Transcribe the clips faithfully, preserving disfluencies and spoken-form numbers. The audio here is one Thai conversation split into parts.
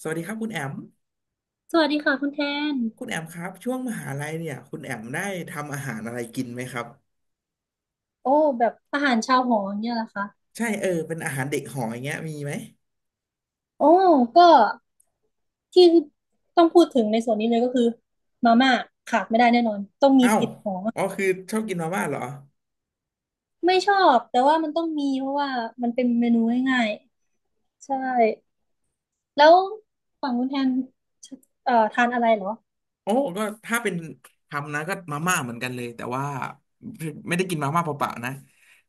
สวัสดีครับคุณแอมสวัสดีค่ะคุณแทนคุณแอมครับช่วงมหาลัยเนี่ยคุณแอมได้ทำอาหารอะไรกินไหมครับโอ้แบบอาหารชาวหออย่างเนี่ยแหละค่ะใช่เออเป็นอาหารเด็กหออย่างเงี้ยมีไหมโอ้ก็ที่ต้องพูดถึงในส่วนนี้เลยก็คือมาม่าขาดไม่ได้แน่นอนต้องมีเอ้าวติดหออ๋อคือชอบกินมาม่าเหรอไม่ชอบแต่ว่ามันต้องมีเพราะว่ามันเป็นเมนูง่ายๆใช่แล้วฝั่งคุณแทนเอ่อทานอะไรเหรอโอ้ก็ถ้าเป็นทำนะก็มาม่าเหมือนกันเลยแต่ว่าไม่ได้กินมาม่าเปล่าๆนะ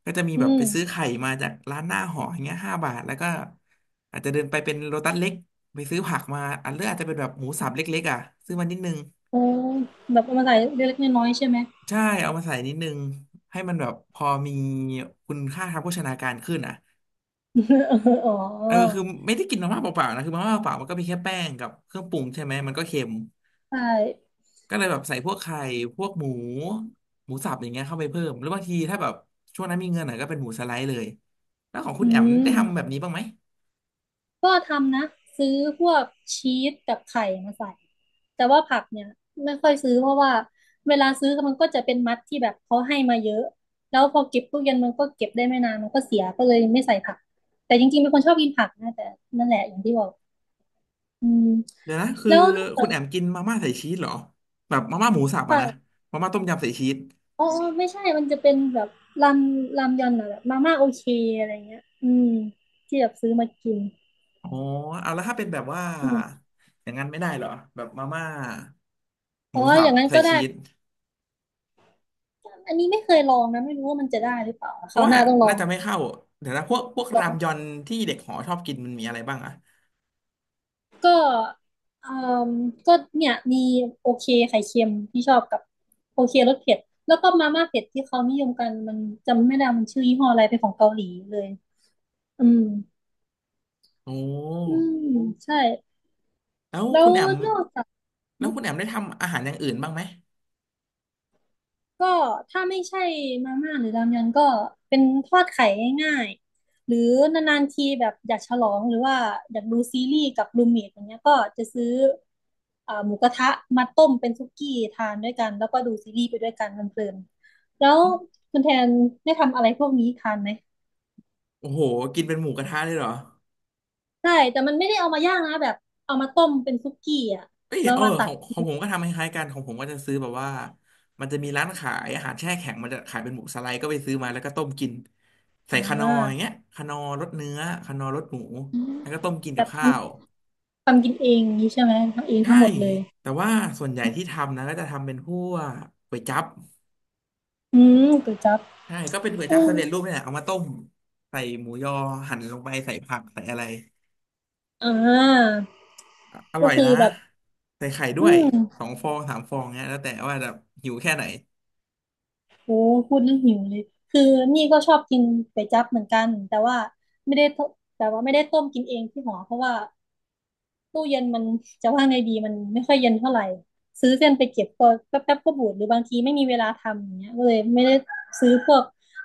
ก็จะมีอืแบบมไปซื้อไข่มาจากร้านหน้าหออย่างเงี้ยห้าบาทแล้วก็อาจจะเดินไปเป็นโลตัสเล็กไปซื้อผักมาอันเลือกอาจจะเป็นแบบหมูสับเล็กๆอ่ะซื้อมานิดนึง โอ้แบบเอามาใส่เล็กๆน้อยๆใช่ไหม ใช่เอามาใส่นิดนึงให้มันแบบพอมีคุณค่าทางโภชนาการขึ้นอ่ะ อ๋อเออคือไม่ได้กินมาม่าเปล่าๆนะคือมาม่าเปล่ามันก็มีแค่แป้งกับเครื่องปรุงใช่ไหมมันก็เค็มใช่ก็เลยแบบใส่พวกไข่พวกหมูหมูสับอย่างเงี้ยเข้าไปเพิ่มหรือบางทีถ้าแบบช่วงนั้นมีเงินหน่อยก็เป็นหมูสไลด์เลยแล้วของคุอืณแอมได้ม ทำแบบนี้บ้างไหมก็ทำนะซื้อพวกชีสกับไข่มาใส่แต่ว่าผักเนี่ยไม่ค่อยซื้อเพราะว่าเวลาซื้อมันก็จะเป็นมัดที่แบบเขาให้มาเยอะแล้วพอเก็บตู้เย็นมันก็เก็บได้ไม่นานมันก็เสียก็เลยไม่ใส่ผักแต่จริงๆเป็นคนชอบกินผักนะแต่นั่นแหละอย่างที่บอกอืมเดี๋ยวนะคือแล้วนอกจาคุณกแอมกินมาม่าใส่ชีสเหรอแบบมาม่าหมูสับอะผันะกมาม่าต้มยำใส่ชีส อ๋ออ๋อไม่ใช่มันจะเป็นแบบรามรามยอนอะแบบมาม่าโอเคอะไรเงี้ยอืมที่แบบซื้อมากินอ๋อเอาแล้วถ้าเป็นแบบว่าอืมอย่างนั้นไม่ได้เหรอแบบมาม่าหอ๋อมูสัอบย่างนั้นใส่ก็ได้ ชีสอันนี้ไม่เคยลองนะไม่รู้ว่ามันจะได้หรือเปล่าเพคราะราวว่าหน้าต้องลอน่างจะไม่เข้าเดี๋ยวนะพวกพวกรามยอนที่เด็กหอชอบกินมันมีอะไรบ้างอะก็เอ่มก็เนี่ยมีโอเคไข่เค็มที่ชอบกับโอเครสเผ็ดแล้วก็มาม่าเผ็ดที่เขานิยมกันมันจำไม่ได้มันชื่อยี่ห้ออะไรเป็นของเกาหลีเลยอืมโอ้อืมใช่แล้วแล้คุวณแอมนอกจาก แล้วคุณแอมได้ทำอาหารอย่างอื่นบ้างไหมก็ถ้าไม่ใช่มาม่าหรือรามยอนก็เป็นทอดไข่ง่ายๆหรือนานๆทีแบบอยากฉลองหรือว่าอยากดูซีรีส์กับรูมเมทอย่างเงี้ยก็จะซื้อเอ่อหมูกระทะมาต้มเป็นซุกี้ทานด้วยกันแล้วก็ดูซีรีส์ไปด้วยกันเพลินๆแล้วคุณแทนได้ทำอะไรพวกนี้ทานไหมโอ้โหกินเป็นหมูกระทะเลยเหรอ ใช่แต่มันไม่ได้เอามาย่างนะแบบเอามาต้มเป็นซุกี้อ่ะเอ้ยแล้วเออมาตัขอกงขกิองนผมก็ทำคล้ายๆกันของผมก็จะซื้อแบบว่ามันจะมีร้านขายอาหารแช่แข็งมันจะขายเป็นหมูสไลด์ก็ไปซื้อมาแล้วก็ต้มกินใส่อ่คานอร์อย่างาเงี้ยคานอร์รสเนื้อคานอร์รสหมูอืมแล้วก็ต้มกินแบกับบทข้าวำทำกินเองนี้ใช่ไหมทำเองทั้ใช่งหมดเลยแต่ว่าส่วนใหญ่ที่ทำนะก็จะทำเป็นพวกก๋วยจั๊บอืมก๋วยจั๊บใช่ก็เป็นก๋วยอืจั๊บม สำเร็จรูปเนี่ยเอามาต้มใส่หมูยอหั่นลงไปใส่ผักใส่อะไรอ่าอก็ร่อยคือนะแบบใส่ไข่ด้อืวยสมองฟองสามฟองเงี้ยแล้วแต่ว่าจะหิวแค่ไหนโหพูดแล้วหิวเลยคือนี่ก็ชอบกินก๋วยจั๊บเหมือนกันแต่ว่าไม่ได้ต้มแต่ว่าไม่ได้ต้มกินเองที่หอเพราะว่าตู้เย็นมันจะว่าไงดีมันไม่ค่อยเย็นเท่าไหร่ซื้อเส้นไปเก็บก็แป๊บๆก็บูดหรือบางทีไม่มีเวลาทำอย่างเงี้ยก็เลยไม่ได้ซื้อพวก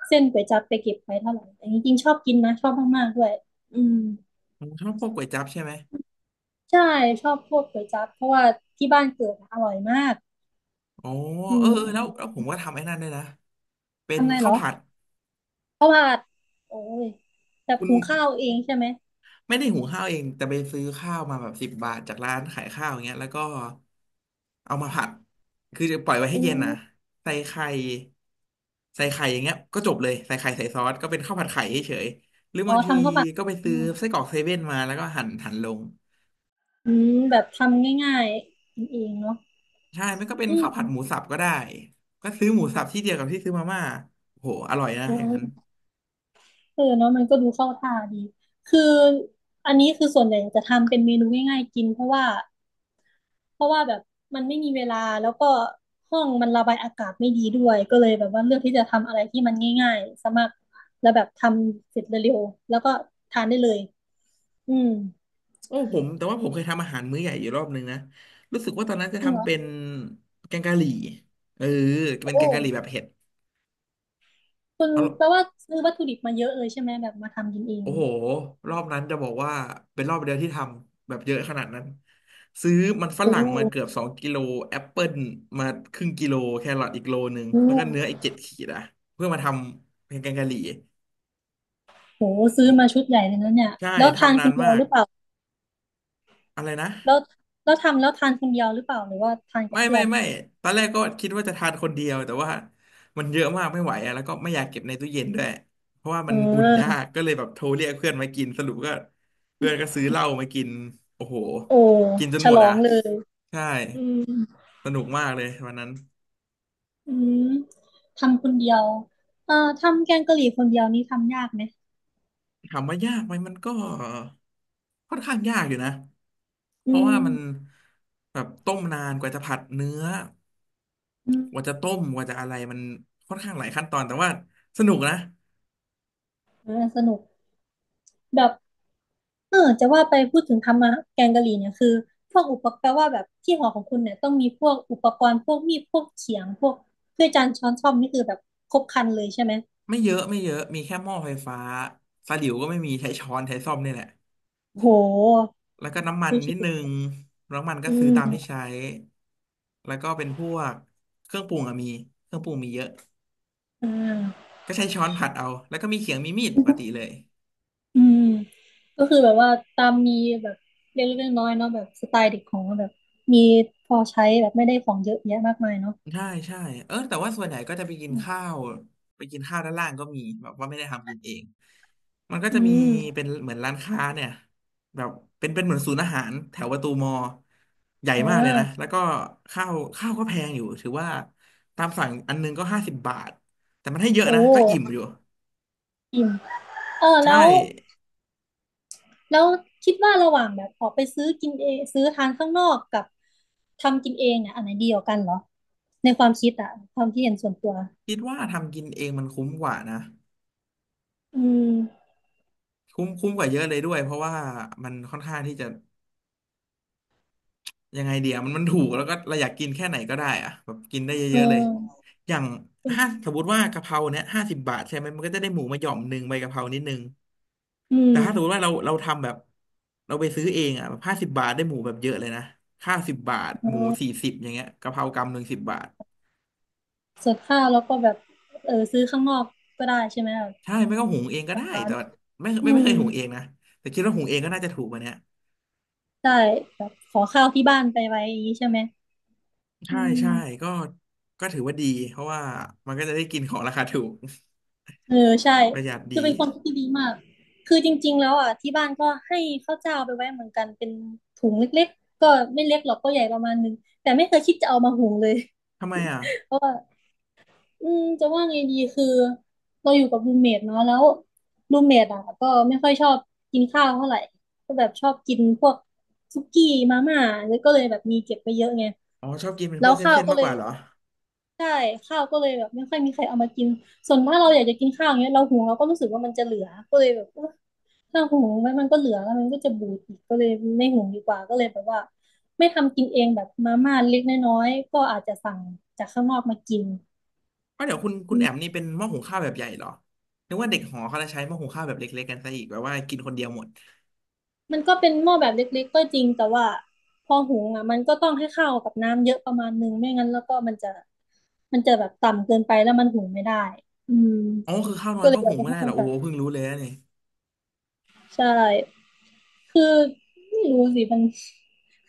เส้นก๋วยจั๊บไปเก็บไว้เท่าไหร่แต่จริงๆชอบกินนะชอบมากๆด้วยอืมผมชอบพวกก๋วยจั๊บใช่ไหม ใช่ชอบพวกก๋วยจั๊บเพราะว่าที่บ้านเกิดอะอร่อยมากอ๋ออืเออมเออแล้วแล้วผมก็ทำไอ้นั่นด้วยนะเป็นทำไงเหข้ารวอ ผัดข้าวผัดโอ้ยแบบคุณหุงข้าวเองใช่ไหมไม่ได้หุงข้าวเองแต่ไปซื้อข้าวมาแบบสิบบาทจากร้านขายข้าวอย่างเงี้ยแล้วก็เอามาผัดคือจะปล่อยไว้ให้อืเย็นนะมใส่ไข่ใส่ไข่อย่างเงี้ยก็จบเลยใส่ไข่ใส่ซอสก็เป็นข้าวผัดไข่เฉยๆหรืออ๋อบางทีทำข้าวผัดก็ไปอืซื้อไส้มกรอกเซเว่นมาแล้วก็หั่นหั่นลงอืมแบบทำง่ายๆกินเองเนาะใช่ไม่ก็เป็นอืข้าวผัดมหมูสับก็ได้ก็ซื้อหมูสับที่เดียวกับที่ซื้อมาม่าโอ้โหอร่อยนะอือย่างนั้น มเออเนาะมันก็ดูเข้าท่าดีคืออันนี้คือส่วนใหญ่จะทำเป็นเมนูง่ายๆกินเพราะว่าเพราะว่าแบบมันไม่มีเวลาแล้วก็ห้องมันระบายอากาศไม่ดีด้วยก็เลยแบบว่าเลือกที่จะทำอะไรที่มันง่ายๆสามารถแล้วแบบทำเสร็จเร็วๆแล้วก็ทานได้เลยอืมโอ้ผมแต่ว่าผมเคยทำอาหารมื้อใหญ่อยู่รอบนึงนะรู้สึกว่าตอนนั้นจะจริงเหรทำอเป็นแกงกะหรี่เออเป็นโอ้ แกงกะหรี่แบบเผ็ดคุณเอาแปลว่าซื้อวัตถุดิบมาเยอะเลยใช่ไหมแบบมาทำกินเองโอ้โหเนี่ยรอบนั้นจะบอกว่าเป็นรอบเดียวที่ทำแบบเยอะขนาดนั้นซื้อมันฝโอ้รั่งมาเกือบโสองกิโลแอปเปิลมาครึ่งกิโลแครอทอีกโลนึงแล้วก็เนื้ออีหกเจ็ดขีดอะเพื่อมาทำเป็นแกงกะหรี่โหซื้อโอ้มาชุดใหญ่เลยนะเนี่ยใช่แล้วทานทำคนานนเดียมาวกหรือเปล่าอะไรนะ แล้วแล้วทำแล้วทานคนเดียวหรือเปล่าหรือว่าทานกัไม่บเพื่ไม่อนไม่ตอนแรกก็คิดว่าจะทานคนเดียวแต่ว่ามันเยอะมากไม่ไหวอะแล้วก็ไม่อยากเก็บในตู้เย็นด้วยเพราะว่าเมันอุ่นยาออกก็เลยแบบโทรเรียกเพื่อนมากินสรุปก็เพื่อนก็ซื้อเหล้ามากินโอ้โหโอ้กินจนฉหมดลออ่ะงเลยใช่อืมสนุกมากเลยวันนั้นอืมทำคนเดียวเอ่อทำแกงกะหรี่คนเดียวนี่ทำยากไหมถามว่ายากไหมมันก็ค่อนข้างยากอยู่นะเพอืราะว่ามันมแบบต้มนานกว่าจะผัดเนื้ออืมกว่าจะต้มกว่าจะอะไรมันค่อนข้างหลายขั้นตอนแต่ว่าสนุกนะ เออสนุกแบบ เออจะว่าไปพูดถึงทำมาแกงกะหรี่เนี่ยคือพวกอุปกรณ์แปลว่าแบบที่หอของคุณเนี่ยต้องมีพวกอุปกรณ์พวกมีดพวกเขียงพวกเ้ืยอจานช้อนส้อมนี่คือแบบครบครันเลยใช่ไหมไม่เยอะไม่เยอะมีแค่หม้อไฟฟ้าสลิ่วก็ไม่มีใช้ช้อนใช้ส้อมนี่แหละโหแล้วก็น้ำมันซูนิชิดนึงน้ำมันก็อืซื้อตามที่มใช้แล้วก็เป็นพวกเครื่องปรุงอะมีเครื่องปรุงมีเยอะอ่าก็ใช้ช้อนผัดเอาแล้วก็มีเขียงมีมีดปกติเลย อืมก็คือแบบว่าตามมีแบบเล็กๆน้อยๆเนาะแบบสไตล์เด็กของเราแบบมีพอใช้แบบไม่ได้ของเยอะแยะมากมายเนาะใช่ใช่เออแต่ว่าส่วนใหญ่ก็จะไปกินข้าวไปกินข้าวด้านล่างก็มีแบบว่าไม่ได้ทำกินเองมันก็จะอืมีมเป็นเหมือนร้านค้าเนี่ยแบบเป็นเป็นเหมือนศูนย์อาหารแถวประตูมอใหญ่เอมากเลยนะแล้่วก็ข้าวข้าวก็แพงอยู่ถือว่าตามสั่งอันนึงก็ห้าสิบบาทแต่มันให้เยอะโอ้นะก็อิ่มอยู่อิ่มเออใช่แล้ว แล้วคิดว่าระหว่างแบบออกไปซื้อกินเองซื้อทานข้างนอกกับทำกินเองเนี่ยอันไหนดีกว่ากันเหรอในความคิดอะความคิดเห็นส่วนตัวคิดว่าทำกินเองมันคุ้มกว่านะอืมคุ้มคุ้มกว่าเยอะเลยด้วยเพราะว่ามันค่อนข้างที่จะ ยังไงเดียวมันมันถูกแล้วก็เราอยากกินแค่ไหนก็ได้อะแบบกินได้เยเออะๆเลย ออย่างห้าสมมติว่ากะเพราเนี้ยห้าสิบบาทใช่ไหมมันก็จะได้หมูมาหย่อมหนึ่งใบกะเพรานิดนึงอืมแต่ถ้าสมมติว่าเราเราทำแบบเราไปซื้อเองอ่ะแบบห้าสิบบาทได้หมูแบบเยอะเลยนะข้าวสิบบาทเออหมูสี่สิบอย่างเงี้ยกะเพรากำหนึ่งสิบบาทส่วนข้าวแล้วก็แบบเออซื้อข้างนอกก็ได้ใช่ไหมแบใช่ไม่ก็หุงเองก็ได้บร้านแต่ว่าไม่ไม่อืไม่เคยมหุงเองนะแต่คิดว่าหุงเองก็น่าจะถูกกว่าเนี้ยได้แบบขอข้าวที่บ้านไปไว้อย่างนี้ใช่ไหมอืใช่ม ใช่ก็ก็ถือว่าดี เพราะว่ามันก็จะได้กินของราคาถูก เออใช่ ประหยัดดีคือเป็นความคิดที่ดีมากคือจริงๆแล้วอ่ะที่บ้านก็ให้ข้าวเจ้าไปไว้เหมือนกันเป็นถุงเล็กๆก็ไม่เล็กหรอกก็ใหญ่ประมาณนึงแต่ไม่เคยคิดจะเอามาหุงเลย ทำไมอ่ะ เพราะว่าอืมจะว่าไงดีคือเราอยู่กับรูมเมทเนาะแล้วรูมเมทอ่ะก็ไม่ค่อยชอบกินข้าวเท่าไหร่ก็แบบชอบกินพวกสุกี้มาม่าแล้วก็เลยแบบมีเก็บไปเยอะไงอ๋อชอบกินเป็นแล้พววกข้าวเส้นๆก็มาเลกกย ว่าเหรอใช่ข้าวก็เลยแบบไม่ค่อยมีใครเอามากินส่วนถ้าเราอยากจะกินข้าวอย่างเงี้ยเราหุงเราก็รู้สึกว่ามันจะเหลือก็เลยแบบเออถ้าหุงมันมันก็เหลือแล้วมันก็จะบูดอีกก็เลยไม่หุงดีกว่าก็เลยแบบว่าไม่ทำกินเองแบบมาม่าเล็กน้อยๆก็อาจจะสั่งจากข้างนอกมากินอ๋อเดี๋ยวคุณคุอืณแอมมนี่เป็นหม้อหุงข้าวแบบใหญ่เหรอนึกว่าเด็กหอเขาจะใช้หม้อหุงข้าวแบบเล็กๆกันซะอีกแบบว่ากินคนเดียวหมดมันก็เป็นหม้อแบบเล็กๆก็จริงแต่ว่าพอหุงอ่ะมันก็ต้องให้ข้าวกับน้ำเยอะประมาณนึงไม่งั้นแล้วก็มันจะมันจะแบบต่ำเกินไปแล้วมันหุงไม่ได้อืมอ๋อคือข้าวน้อก็ยเลก็ยแบหุบงต้อไม่ได้งเหรอจำโอ้กัดเพิ่งรู้เลยนะเนี่ยใช่ คือไม่รู้สิมัน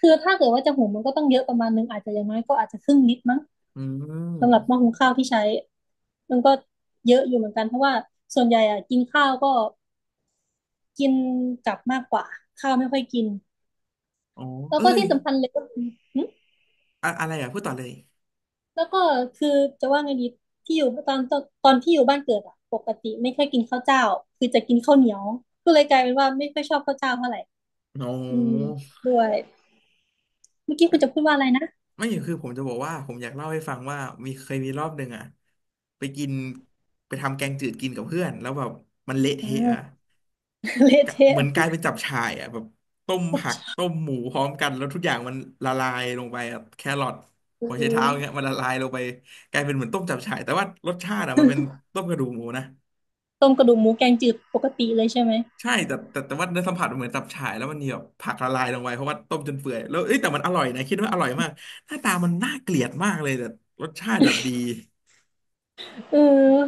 คือถ้าเกิดว่าจะหุงมันก็ต้องเยอะประมาณนึงอาจจะอย่างน้อยก็อาจจะครึ่งลิตรมั้งอืสำหรับหม้อมหุงข้าวที่ใช้มันก็เยอะอยู่เหมือนกันเพราะว่าส่วนใหญ่อะกินข้าวก็กินกลับมากกว่าข้าวไม่ค่อยกินอ๋อแล้วเอ้ก็ยที่สำคัญเลยก็คือหึอะอะไรอ่ะพูดต่อเลยแล้วก็คือจะว่าไงดีที่อยู่ตอนตอนตอนที่อยู่บ้านเกิดอะปกติไม่ค่อยกินข้าวเจ้าคือจะกินข้าวเหนียวก็เลยกลายเป็นว่าไม่ค่อยชอบข้าวเจ้าเท่าไหร่อ๋ออืมด้วยเมื่อกี้คุณจะพูดว่าอะไรนะไม่คือผมจะบอกว่าผมอยากเล่าให้ฟังว่ามีเคยมีรอบหนึ่งอ่ะไปกินไปทำแกงจืดกินกับเพื่อนแล้วแบบมันเละอ่า เทะอ่ะ เละกะเทะ เหมือนกลายเป็นจับฉ่ายอ่ะแบบต้มผักต้มหมูพร้อมกันแล้วทุกอย่างมันละลายลงไปอะแครอทหัวไชเท้าอย่างเงี้ยมันละลายลงไปกลายเป็นเหมือนต้มจับฉ่ายแต่ว่ารสชาติอ่ะมันเป็นต้มกระดูกหมูนะต้มกระดูกหมูแกงจืดปกติเลยใช่ไหมใช่แต่แต่แต่ว่าเนื้อสัมผัสมันเหมือนจับฉ่ายแล้วมันมีแบบผักละลายลงไปเพราะว่าต้มจนเปื่อยแล้วเอ้ยแต่มันอร่อยนะคิดว่าอร่อยมากหน้าตามันน่าเกลียดมากเลยแต่รสชาติแบบดีเออ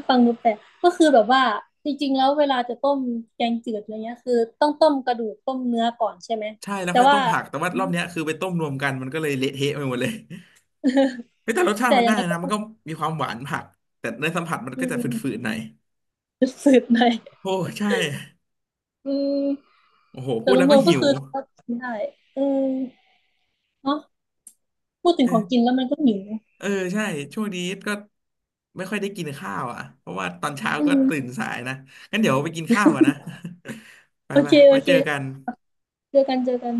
ฟังดูแปลกก็คือแบบว่าจริงๆแล้วเวลาจะต้มแกงจืดอะไรเงี้ยคือต้องต้มกระดูกต้มเนื้อก่อนใช่ไหมใช่แล้วแต่ค่อยว่าต้มผักแต่ว่ารอบเนี้ยคือไปต้มรวมกันมันก็เลยเละเทะไปหมดเลยเฮ้ยแต่รสชาแต่ติมันอได้ย่างไรก็นะมันก็มีความหวานผักแต่เนื้อสัมผัสมันอืก็จะฝมืดๆหน่อย สืดๆหน่ อยโอ้ใช่ อืมโอ้โหพูแต่ดรแล้วก็วมๆก็หิวคือก็กินได้เออเนาะพูดถึงของกินเออแล้วมันก็หิวเออใช่ช่วงนี้ก็ไม่ค่อยได้กินข้าวอ่ะเพราะว่าตอนเช้าอืก็มตื่นสายนะงั้นเดี๋ยวไปกินข้าวก่อนนะ ไปโอไปเคโอไว้เคเจอกันเจอกันเจอกัน